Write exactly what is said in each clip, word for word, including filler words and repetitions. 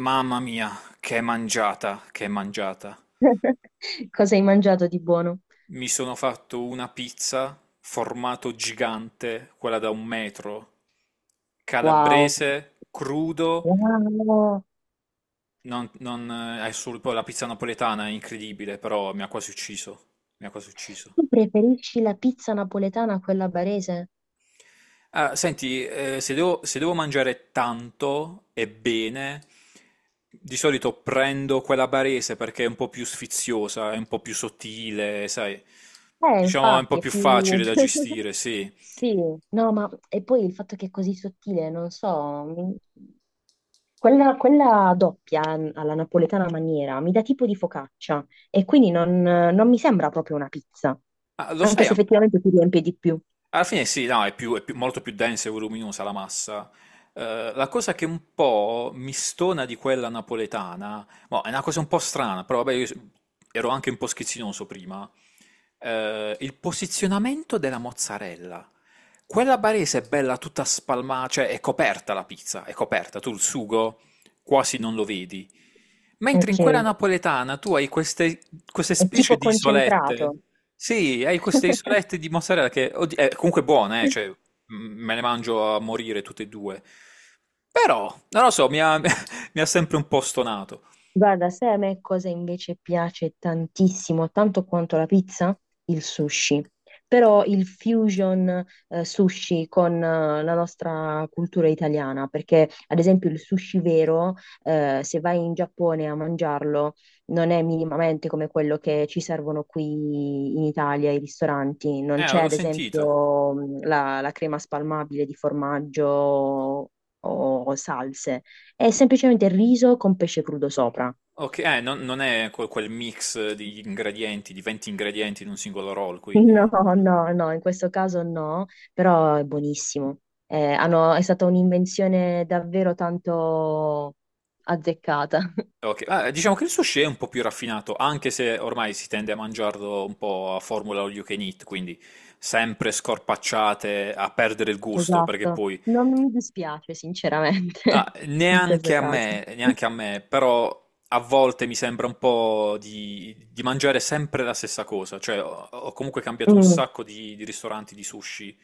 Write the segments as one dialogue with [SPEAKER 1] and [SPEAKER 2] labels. [SPEAKER 1] Mamma mia, che mangiata, che mangiata.
[SPEAKER 2] Cosa hai mangiato di buono?
[SPEAKER 1] Mi sono fatto una pizza, formato gigante, quella da un metro,
[SPEAKER 2] Wow.
[SPEAKER 1] calabrese, crudo,
[SPEAKER 2] Wow,
[SPEAKER 1] non, non, eh, è sul- poi la pizza napoletana è incredibile, però mi ha quasi ucciso, mi ha quasi ucciso.
[SPEAKER 2] tu preferisci la pizza napoletana a quella barese?
[SPEAKER 1] Ah, senti, eh, se devo, se devo mangiare tanto e bene, di solito prendo quella barese perché è un po' più sfiziosa, è un po' più sottile, sai,
[SPEAKER 2] Eh,
[SPEAKER 1] diciamo è un po'
[SPEAKER 2] infatti, è
[SPEAKER 1] più
[SPEAKER 2] più...
[SPEAKER 1] facile da gestire, sì.
[SPEAKER 2] Sì, no, ma e poi il fatto che è così sottile, non so, mi- quella, quella doppia mm, alla napoletana maniera mi dà tipo di focaccia e quindi non, non mi sembra proprio una pizza,
[SPEAKER 1] Ah, lo
[SPEAKER 2] anche
[SPEAKER 1] sai,
[SPEAKER 2] se
[SPEAKER 1] a-
[SPEAKER 2] effettivamente ti riempie di più.
[SPEAKER 1] alla fine sì, no, è più- è più- molto più densa e voluminosa la massa. Eh, la cosa che un po' mi stona di quella napoletana, boh, è una cosa un po' strana, però vabbè, io s- ero anche un po' schizzinoso prima, eh, il posizionamento della mozzarella. Quella barese è bella tutta spalmata, cioè è coperta la pizza, è coperta, tu il sugo quasi non lo vedi. Mentre in
[SPEAKER 2] Ok,
[SPEAKER 1] quella
[SPEAKER 2] è
[SPEAKER 1] napoletana tu hai queste, queste specie
[SPEAKER 2] tipo
[SPEAKER 1] di
[SPEAKER 2] concentrato.
[SPEAKER 1] isolette. Sì, hai queste isolette di mozzarella che oddi- eh, comunque buone, eh, cioè m- me le mangio a morire tutte e due. Però, non lo so, mi ha, mi ha sempre un po' stonato.
[SPEAKER 2] Guarda, sai a me cosa invece piace tantissimo, tanto quanto la pizza? Il sushi. Però il fusion eh, sushi con eh, la nostra cultura italiana, perché ad esempio il sushi vero, eh, se vai in Giappone a mangiarlo, non è minimamente come quello che ci servono qui in Italia, i ristoranti.
[SPEAKER 1] Eh,
[SPEAKER 2] Non c'è
[SPEAKER 1] avevo
[SPEAKER 2] ad
[SPEAKER 1] sentito.
[SPEAKER 2] esempio mh, la, la crema spalmabile di formaggio o o salse. È semplicemente riso con pesce crudo sopra.
[SPEAKER 1] Ok, eh, non, non è quel, quel mix di ingredienti, di venti ingredienti in un singolo roll, quindi...
[SPEAKER 2] No, no, no, in questo caso no, però è buonissimo. Eh, hanno- è stata un'invenzione davvero tanto azzeccata.
[SPEAKER 1] Ok, ah, diciamo che il sushi è un po' più raffinato, anche se ormai si tende a mangiarlo un po' a formula all you can eat, quindi sempre scorpacciate, a perdere il gusto, perché
[SPEAKER 2] Esatto.
[SPEAKER 1] poi
[SPEAKER 2] Non mi dispiace, sinceramente.
[SPEAKER 1] ah,
[SPEAKER 2] In questo
[SPEAKER 1] neanche a
[SPEAKER 2] caso.
[SPEAKER 1] me, neanche a me, però a volte mi sembra un po' di, di mangiare sempre la stessa cosa, cioè ho, ho comunque cambiato un
[SPEAKER 2] Mm,
[SPEAKER 1] sacco di, di ristoranti di sushi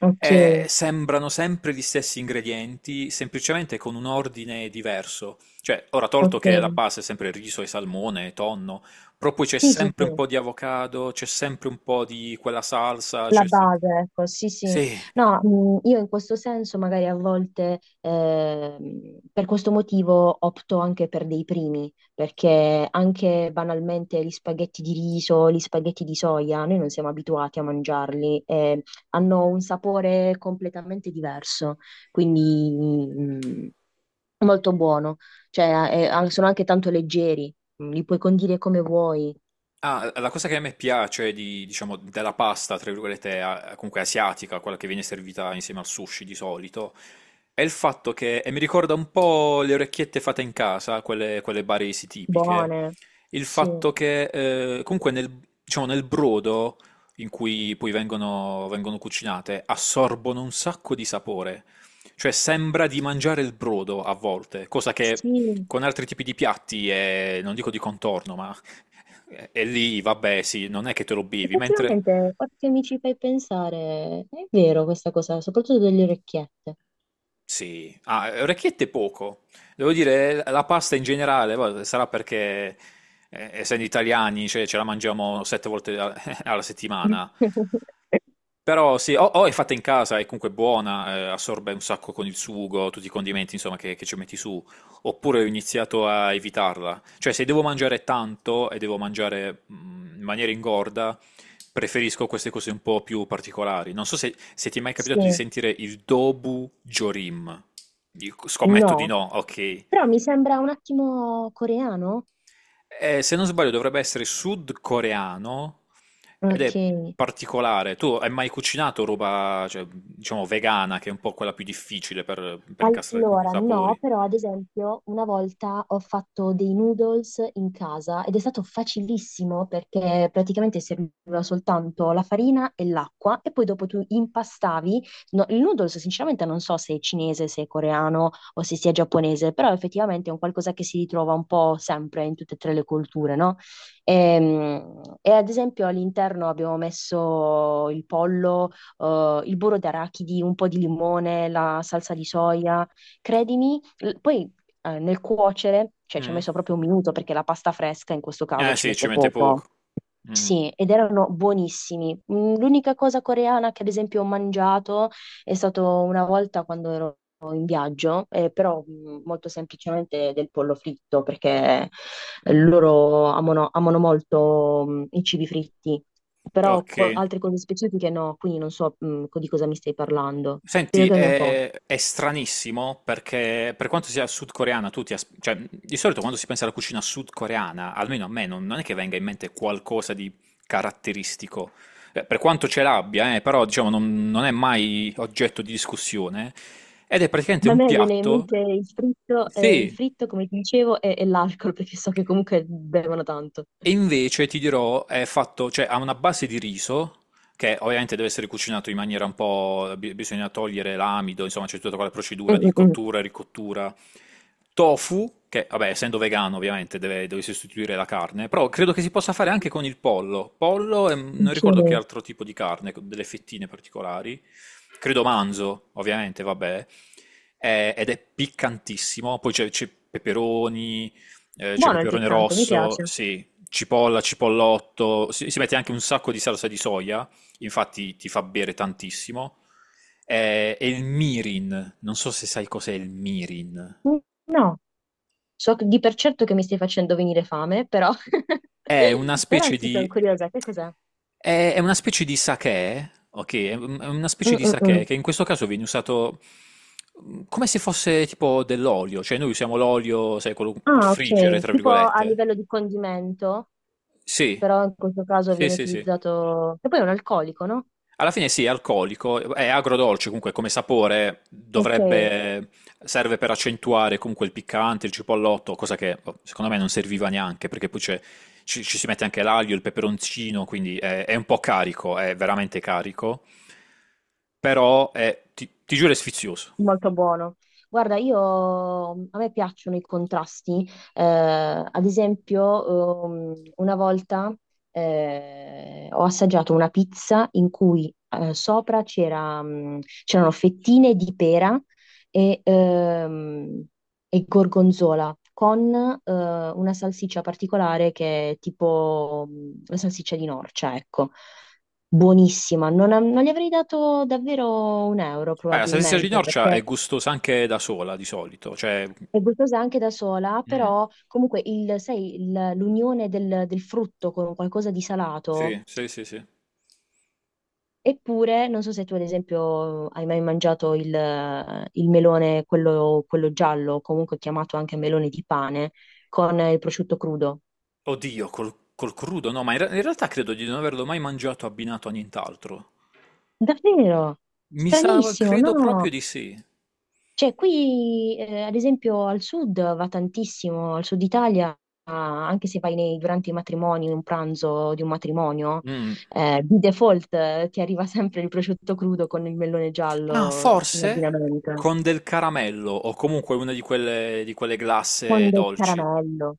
[SPEAKER 2] ok,
[SPEAKER 1] e sembrano sempre gli stessi ingredienti, semplicemente con un ordine diverso. Cioè, ora tolto che la
[SPEAKER 2] ok.
[SPEAKER 1] base è sempre riso e salmone, e tonno, però poi c'è
[SPEAKER 2] Sì, sì,
[SPEAKER 1] sempre
[SPEAKER 2] sì.
[SPEAKER 1] un po' di avocado, c'è sempre un po' di quella salsa,
[SPEAKER 2] La
[SPEAKER 1] c'è sempre...
[SPEAKER 2] base, ecco, sì, sì.
[SPEAKER 1] Sì,
[SPEAKER 2] No, mh, io in questo senso magari a volte ehm, per questo motivo opto anche per dei primi, perché anche banalmente gli spaghetti di riso, gli spaghetti di soia, noi non siamo abituati a mangiarli e hanno un sapore completamente diverso, quindi mh, molto buono. Cioè, eh, eh, sono anche tanto leggeri, li puoi condire come vuoi,
[SPEAKER 1] ah, la cosa che a me piace di, diciamo, della pasta, tra virgolette, a- comunque asiatica, quella che viene servita insieme al sushi di solito, è il fatto che, e mi ricorda un po' le orecchiette fatte in casa, quelle, quelle baresi tipiche,
[SPEAKER 2] buone.
[SPEAKER 1] il
[SPEAKER 2] Sì,
[SPEAKER 1] fatto che eh, comunque nel, diciamo, nel brodo in cui poi vengono, vengono cucinate assorbono un sacco di sapore, cioè sembra di mangiare il brodo a volte, cosa che
[SPEAKER 2] sì.
[SPEAKER 1] con altri tipi di piatti è, non dico di contorno, ma e e lì, vabbè, sì, non è che te lo bevi, mentre...
[SPEAKER 2] Effettivamente, ora che mi ci fai pensare, è vero questa cosa, soprattutto delle orecchiette.
[SPEAKER 1] Sì, ah, orecchiette poco. Devo dire, la pasta in generale, va- sarà perché, eh, essendo italiani, cioè, ce la mangiamo sette volte a- alla settimana. Però sì, o, o è fatta in casa, è comunque buona, eh, assorbe un sacco con il sugo, tutti i condimenti, insomma, che, che ci metti su. Oppure ho iniziato a evitarla. Cioè, se devo mangiare tanto e devo mangiare mm, in maniera ingorda, preferisco queste cose un po' più particolari. Non so se, se ti è mai
[SPEAKER 2] Sì,
[SPEAKER 1] capitato di sentire il Dobu Jorim. Io scommetto di
[SPEAKER 2] no,
[SPEAKER 1] no, ok.
[SPEAKER 2] però mi sembra un attimo coreano.
[SPEAKER 1] Eh, se non sbaglio dovrebbe essere sudcoreano ed
[SPEAKER 2] Ok.
[SPEAKER 1] è particolare. Tu hai mai cucinato roba, cioè, diciamo, vegana, che è un po' quella più difficile per, per incastrare comunque i
[SPEAKER 2] Allora, no,
[SPEAKER 1] sapori?
[SPEAKER 2] però ad esempio una volta ho fatto dei noodles in casa ed è stato facilissimo perché praticamente serviva soltanto la farina e l'acqua e poi dopo tu impastavi. No, il noodles sinceramente non so se è cinese, se è coreano o se sia giapponese, però effettivamente è un qualcosa che si ritrova un po' sempre in tutte e tre le culture, no? Ehm, E, ad esempio all'interno abbiamo messo il pollo, eh, il burro d'arachidi, un po' di limone, la salsa di soia. Credimi, l- poi eh, nel cuocere, cioè ci ha
[SPEAKER 1] Mm.
[SPEAKER 2] messo proprio un minuto perché la pasta fresca in questo caso
[SPEAKER 1] Eh
[SPEAKER 2] ci
[SPEAKER 1] sì, ci
[SPEAKER 2] mette
[SPEAKER 1] mette
[SPEAKER 2] poco.
[SPEAKER 1] poco. Mm.
[SPEAKER 2] Sì, ed erano buonissimi. Mm, l'unica cosa coreana che ad esempio ho mangiato è stato una volta quando ero in viaggio, eh, però mm, molto semplicemente del pollo fritto, perché eh, loro amano, amano molto mm, i cibi fritti, però
[SPEAKER 1] Ok.
[SPEAKER 2] co- altre cose specifiche no, quindi non so mm, co- di cosa mi stai parlando.
[SPEAKER 1] Senti,
[SPEAKER 2] Spiegami un po'.
[SPEAKER 1] è, è stranissimo perché per quanto sia sudcoreana, tu ti as- cioè, di solito quando si pensa alla cucina sudcoreana, almeno a me, non, non è che venga in mente qualcosa di caratteristico. Eh, Per quanto ce l'abbia, eh, però diciamo non, non è mai oggetto di discussione. Ed è praticamente
[SPEAKER 2] A
[SPEAKER 1] un
[SPEAKER 2] me viene in
[SPEAKER 1] piatto.
[SPEAKER 2] mente il fritto, eh, il
[SPEAKER 1] Sì,
[SPEAKER 2] fritto, come ti dicevo, e e l'alcol, perché so che comunque bevono tanto.
[SPEAKER 1] e invece ti dirò, è fatto, cioè ha una base di riso che ovviamente deve essere cucinato in maniera un po', bi- bisogna togliere l'amido, insomma c'è tutta quella
[SPEAKER 2] Mm,
[SPEAKER 1] procedura di
[SPEAKER 2] mm, mm.
[SPEAKER 1] cottura e ricottura. Tofu, che vabbè, essendo vegano ovviamente deve, deve sostituire la carne, però credo che si possa fare anche con il pollo. Pollo e mm, non
[SPEAKER 2] Ok.
[SPEAKER 1] ricordo che altro tipo di carne, con delle fettine particolari. Credo manzo, ovviamente, vabbè. Eh, ed è piccantissimo, poi c'è c'è peperoni, eh, c'è
[SPEAKER 2] Buono il
[SPEAKER 1] peperone
[SPEAKER 2] piccante, mi
[SPEAKER 1] rosso,
[SPEAKER 2] piace.
[SPEAKER 1] sì, cipolla, cipollotto, si, si mette anche un sacco di salsa di soia, infatti ti fa bere tantissimo. Eh, E il mirin, non so se sai cos'è il mirin.
[SPEAKER 2] Mm, no, so che- di per certo che mi stai facendo venire fame, però,
[SPEAKER 1] È una
[SPEAKER 2] però
[SPEAKER 1] specie
[SPEAKER 2] sì, sono
[SPEAKER 1] di
[SPEAKER 2] curiosa, che cos'è?
[SPEAKER 1] è è una specie di sake, ok? È un- è una specie
[SPEAKER 2] Mm,
[SPEAKER 1] di
[SPEAKER 2] mm,
[SPEAKER 1] sake
[SPEAKER 2] mm.
[SPEAKER 1] che in questo caso viene usato mm, come se fosse tipo dell'olio, cioè noi usiamo l'olio, sai, quello per
[SPEAKER 2] Ah,
[SPEAKER 1] friggere,
[SPEAKER 2] ok,
[SPEAKER 1] tra
[SPEAKER 2] tipo a
[SPEAKER 1] virgolette.
[SPEAKER 2] livello di condimento,
[SPEAKER 1] Sì,
[SPEAKER 2] però in questo caso
[SPEAKER 1] sì,
[SPEAKER 2] viene
[SPEAKER 1] sì, sì.
[SPEAKER 2] utilizzato, che poi è un alcolico, no?
[SPEAKER 1] Alla fine sì, è alcolico, è agrodolce comunque come sapore,
[SPEAKER 2] Ok,
[SPEAKER 1] dovrebbe, serve per accentuare comunque il piccante, il cipollotto, cosa che boh, secondo me non serviva neanche, perché poi c'è- ci, ci si mette anche l'aglio, il peperoncino, quindi è, è un po' carico, è veramente carico, però è- ti, ti giuro è sfizioso.
[SPEAKER 2] molto buono. Guarda, io a me piacciono i contrasti. Eh, ad esempio, ehm, una volta eh, ho assaggiato una pizza in cui eh, sopra c'era, mh, c'erano fettine di pera e, ehm, e gorgonzola con eh, una salsiccia particolare che è tipo mh, la salsiccia di Norcia, ecco. Buonissima, non, non gli avrei dato davvero un euro
[SPEAKER 1] Beh, la salsiccia di
[SPEAKER 2] probabilmente
[SPEAKER 1] Norcia
[SPEAKER 2] perché
[SPEAKER 1] è gustosa anche da sola di solito, cioè...
[SPEAKER 2] è gustosa anche da sola,
[SPEAKER 1] mm,
[SPEAKER 2] però comunque il- sai, il- l'unione del, del frutto con qualcosa di salato.
[SPEAKER 1] sì, sì, sì, sì.
[SPEAKER 2] Eppure, non so se tu ad esempio hai mai mangiato il, il melone, quello, quello giallo, comunque chiamato anche melone di pane, con il prosciutto crudo.
[SPEAKER 1] Oddio, col, col crudo, no, ma in, re- in realtà credo di non averlo mai mangiato abbinato a nient'altro.
[SPEAKER 2] Davvero?
[SPEAKER 1] Mi sa,
[SPEAKER 2] Stranissimo,
[SPEAKER 1] credo proprio
[SPEAKER 2] no?
[SPEAKER 1] di sì.
[SPEAKER 2] Cioè, qui, eh, ad esempio, al sud va tantissimo, al sud Italia, ah, anche se vai nei- durante i matrimoni, un pranzo di un matrimonio,
[SPEAKER 1] Mm.
[SPEAKER 2] eh, di default, eh, ti arriva sempre il prosciutto crudo con il melone
[SPEAKER 1] Ah,
[SPEAKER 2] giallo in
[SPEAKER 1] forse
[SPEAKER 2] abbinamento,
[SPEAKER 1] con del caramello o comunque una di quelle, di quelle glasse
[SPEAKER 2] con del
[SPEAKER 1] dolci.
[SPEAKER 2] caramello.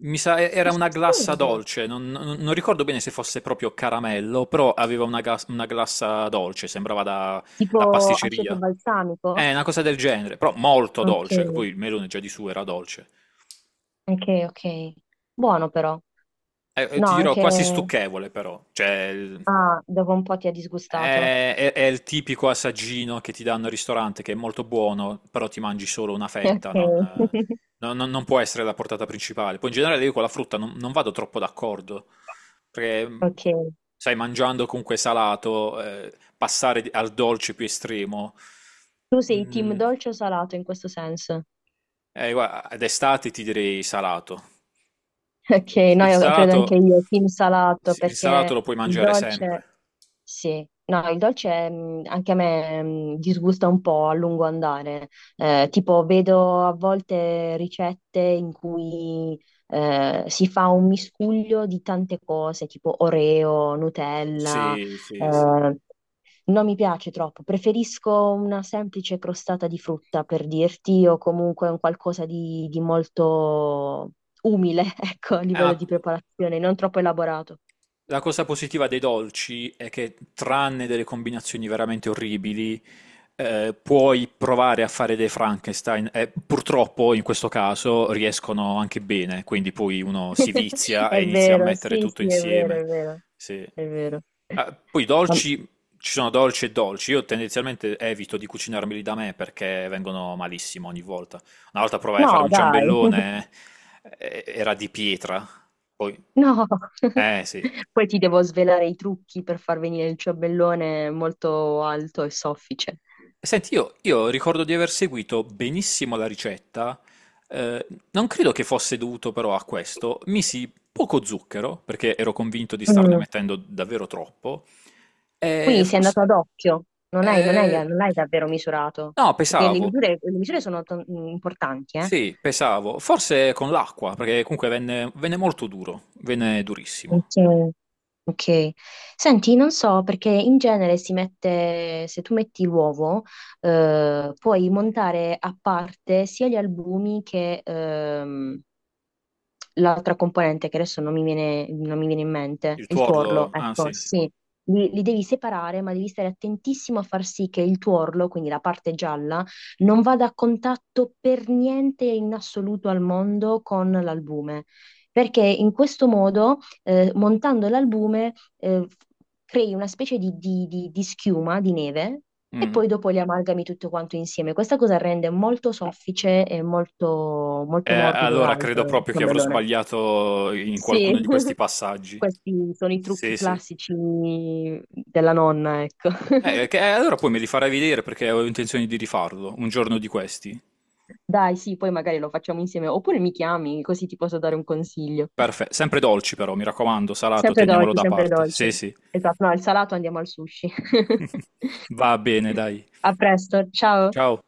[SPEAKER 1] Mi sa, e- era una glassa
[SPEAKER 2] Assurdo!
[SPEAKER 1] dolce, non, non- non ricordo bene se fosse proprio caramello, però aveva una, gas- una glassa dolce, sembrava da, da
[SPEAKER 2] Tipo aceto
[SPEAKER 1] pasticceria. È
[SPEAKER 2] balsamico?
[SPEAKER 1] una cosa del genere, però molto
[SPEAKER 2] Ok,
[SPEAKER 1] dolce, che poi il melone già di su era dolce.
[SPEAKER 2] ok, ok. Buono però.
[SPEAKER 1] Eh, eh,
[SPEAKER 2] No,
[SPEAKER 1] ti dirò,
[SPEAKER 2] anche...
[SPEAKER 1] quasi stucchevole però, cioè il-
[SPEAKER 2] Ah, dopo un po' ti ha disgustato.
[SPEAKER 1] è, è- è il tipico assaggino che ti danno al ristorante, che è molto buono, però ti mangi solo una
[SPEAKER 2] Ok.
[SPEAKER 1] fetta, non, eh, non- non- non può essere la portata principale. Poi in generale io con la frutta non, non vado troppo d'accordo, perché mh, cu-
[SPEAKER 2] Ok.
[SPEAKER 1] sai, mangiando comunque salato, eh, passare di- al dolce più estremo,
[SPEAKER 2] Tu sei team
[SPEAKER 1] mm,
[SPEAKER 2] dolce o salato in questo senso?
[SPEAKER 1] eh, guarda, ad estate ti direi salato.
[SPEAKER 2] Ok, no,
[SPEAKER 1] Il
[SPEAKER 2] io credo anche
[SPEAKER 1] salato,
[SPEAKER 2] io, team salato,
[SPEAKER 1] il salato
[SPEAKER 2] perché
[SPEAKER 1] lo puoi
[SPEAKER 2] il
[SPEAKER 1] mangiare
[SPEAKER 2] dolce,
[SPEAKER 1] sempre.
[SPEAKER 2] sì, no, il dolce mh, anche a me mh, disgusta un po' a lungo andare. Eh, tipo, vedo a volte ricette in cui eh, si fa un miscuglio di tante cose, tipo Oreo, Nutella,
[SPEAKER 1] Sì, sì, sì.
[SPEAKER 2] eh, non mi piace troppo, preferisco una semplice crostata di frutta per dirti, o comunque un qualcosa di, di molto umile, ecco, a
[SPEAKER 1] Eh, ma
[SPEAKER 2] livello di preparazione, non troppo elaborato.
[SPEAKER 1] la cosa positiva dei dolci è che, tranne delle combinazioni veramente orribili, eh, puoi provare a fare dei Frankenstein e purtroppo in questo caso riescono anche bene, quindi poi uno si vizia
[SPEAKER 2] È
[SPEAKER 1] e inizia a
[SPEAKER 2] vero,
[SPEAKER 1] mettere
[SPEAKER 2] sì,
[SPEAKER 1] tutto
[SPEAKER 2] sì, è vero,
[SPEAKER 1] insieme.
[SPEAKER 2] è vero,
[SPEAKER 1] Sì.
[SPEAKER 2] è vero.
[SPEAKER 1] Ah, poi i
[SPEAKER 2] Ma-
[SPEAKER 1] dolci, ci sono dolci e dolci, io tendenzialmente evito di cucinarmeli da me perché vengono malissimo ogni volta. Una volta provai a fare
[SPEAKER 2] No,
[SPEAKER 1] un
[SPEAKER 2] dai,
[SPEAKER 1] ciambellone, eh, era di pietra, poi...
[SPEAKER 2] no.
[SPEAKER 1] Eh sì.
[SPEAKER 2] Poi ti devo svelare i trucchi per far venire il ciambellone molto alto e soffice.
[SPEAKER 1] Senti, io, io ricordo di aver seguito benissimo la ricetta, eh, non credo che fosse dovuto però a questo, misi poco zucchero, perché ero convinto di starne mettendo davvero troppo, e
[SPEAKER 2] Quindi sei
[SPEAKER 1] forse...
[SPEAKER 2] andato ad occhio, non hai, non hai-
[SPEAKER 1] eh,
[SPEAKER 2] non l'hai davvero misurato,
[SPEAKER 1] no,
[SPEAKER 2] perché le
[SPEAKER 1] pesavo,
[SPEAKER 2] misure, le misure sono to- mm, importanti, eh?
[SPEAKER 1] sì, pesavo, forse con l'acqua, perché comunque venne, venne molto duro, venne durissimo.
[SPEAKER 2] Ok. Ok. Senti, non so, perché in genere si mette, se tu metti l'uovo, eh, puoi montare a parte sia gli albumi che, ehm, l'altra componente che adesso non mi viene, non mi viene in mente,
[SPEAKER 1] Il
[SPEAKER 2] il tuorlo,
[SPEAKER 1] tuorlo, ah
[SPEAKER 2] ecco,
[SPEAKER 1] sì, sì.
[SPEAKER 2] sì. Li, li devi separare, ma devi stare attentissimo a far sì che il tuorlo, quindi la parte gialla, non vada a contatto per niente in assoluto al mondo con l'albume, perché in questo modo, eh, montando l'albume, eh, crei una specie di, di- di- di schiuma, di neve, e
[SPEAKER 1] Mm.
[SPEAKER 2] poi dopo li amalgami tutto quanto insieme. Questa cosa rende molto soffice e molto,
[SPEAKER 1] Eh,
[SPEAKER 2] molto morbido e
[SPEAKER 1] allora
[SPEAKER 2] alto
[SPEAKER 1] credo
[SPEAKER 2] il
[SPEAKER 1] proprio che avrò
[SPEAKER 2] ciambellone.
[SPEAKER 1] sbagliato in
[SPEAKER 2] Sì,
[SPEAKER 1] qualcuno di questi passaggi.
[SPEAKER 2] questi sono i trucchi
[SPEAKER 1] Sì, sì.
[SPEAKER 2] classici della nonna, ecco.
[SPEAKER 1] Eh, eh, che- eh, allora poi me li farai vedere perché ho intenzione di rifarlo un giorno di questi.
[SPEAKER 2] Dai, sì, poi magari lo facciamo insieme, oppure mi chiami, così ti posso dare un consiglio.
[SPEAKER 1] Perfetto. Sempre dolci però, mi raccomando, salato,
[SPEAKER 2] Sempre
[SPEAKER 1] teniamolo
[SPEAKER 2] dolci,
[SPEAKER 1] da
[SPEAKER 2] sempre
[SPEAKER 1] parte.
[SPEAKER 2] dolci.
[SPEAKER 1] Sì, sì.
[SPEAKER 2] Esatto, no, al salato andiamo al sushi.
[SPEAKER 1] Va bene, dai.
[SPEAKER 2] A presto, ciao.
[SPEAKER 1] Ciao.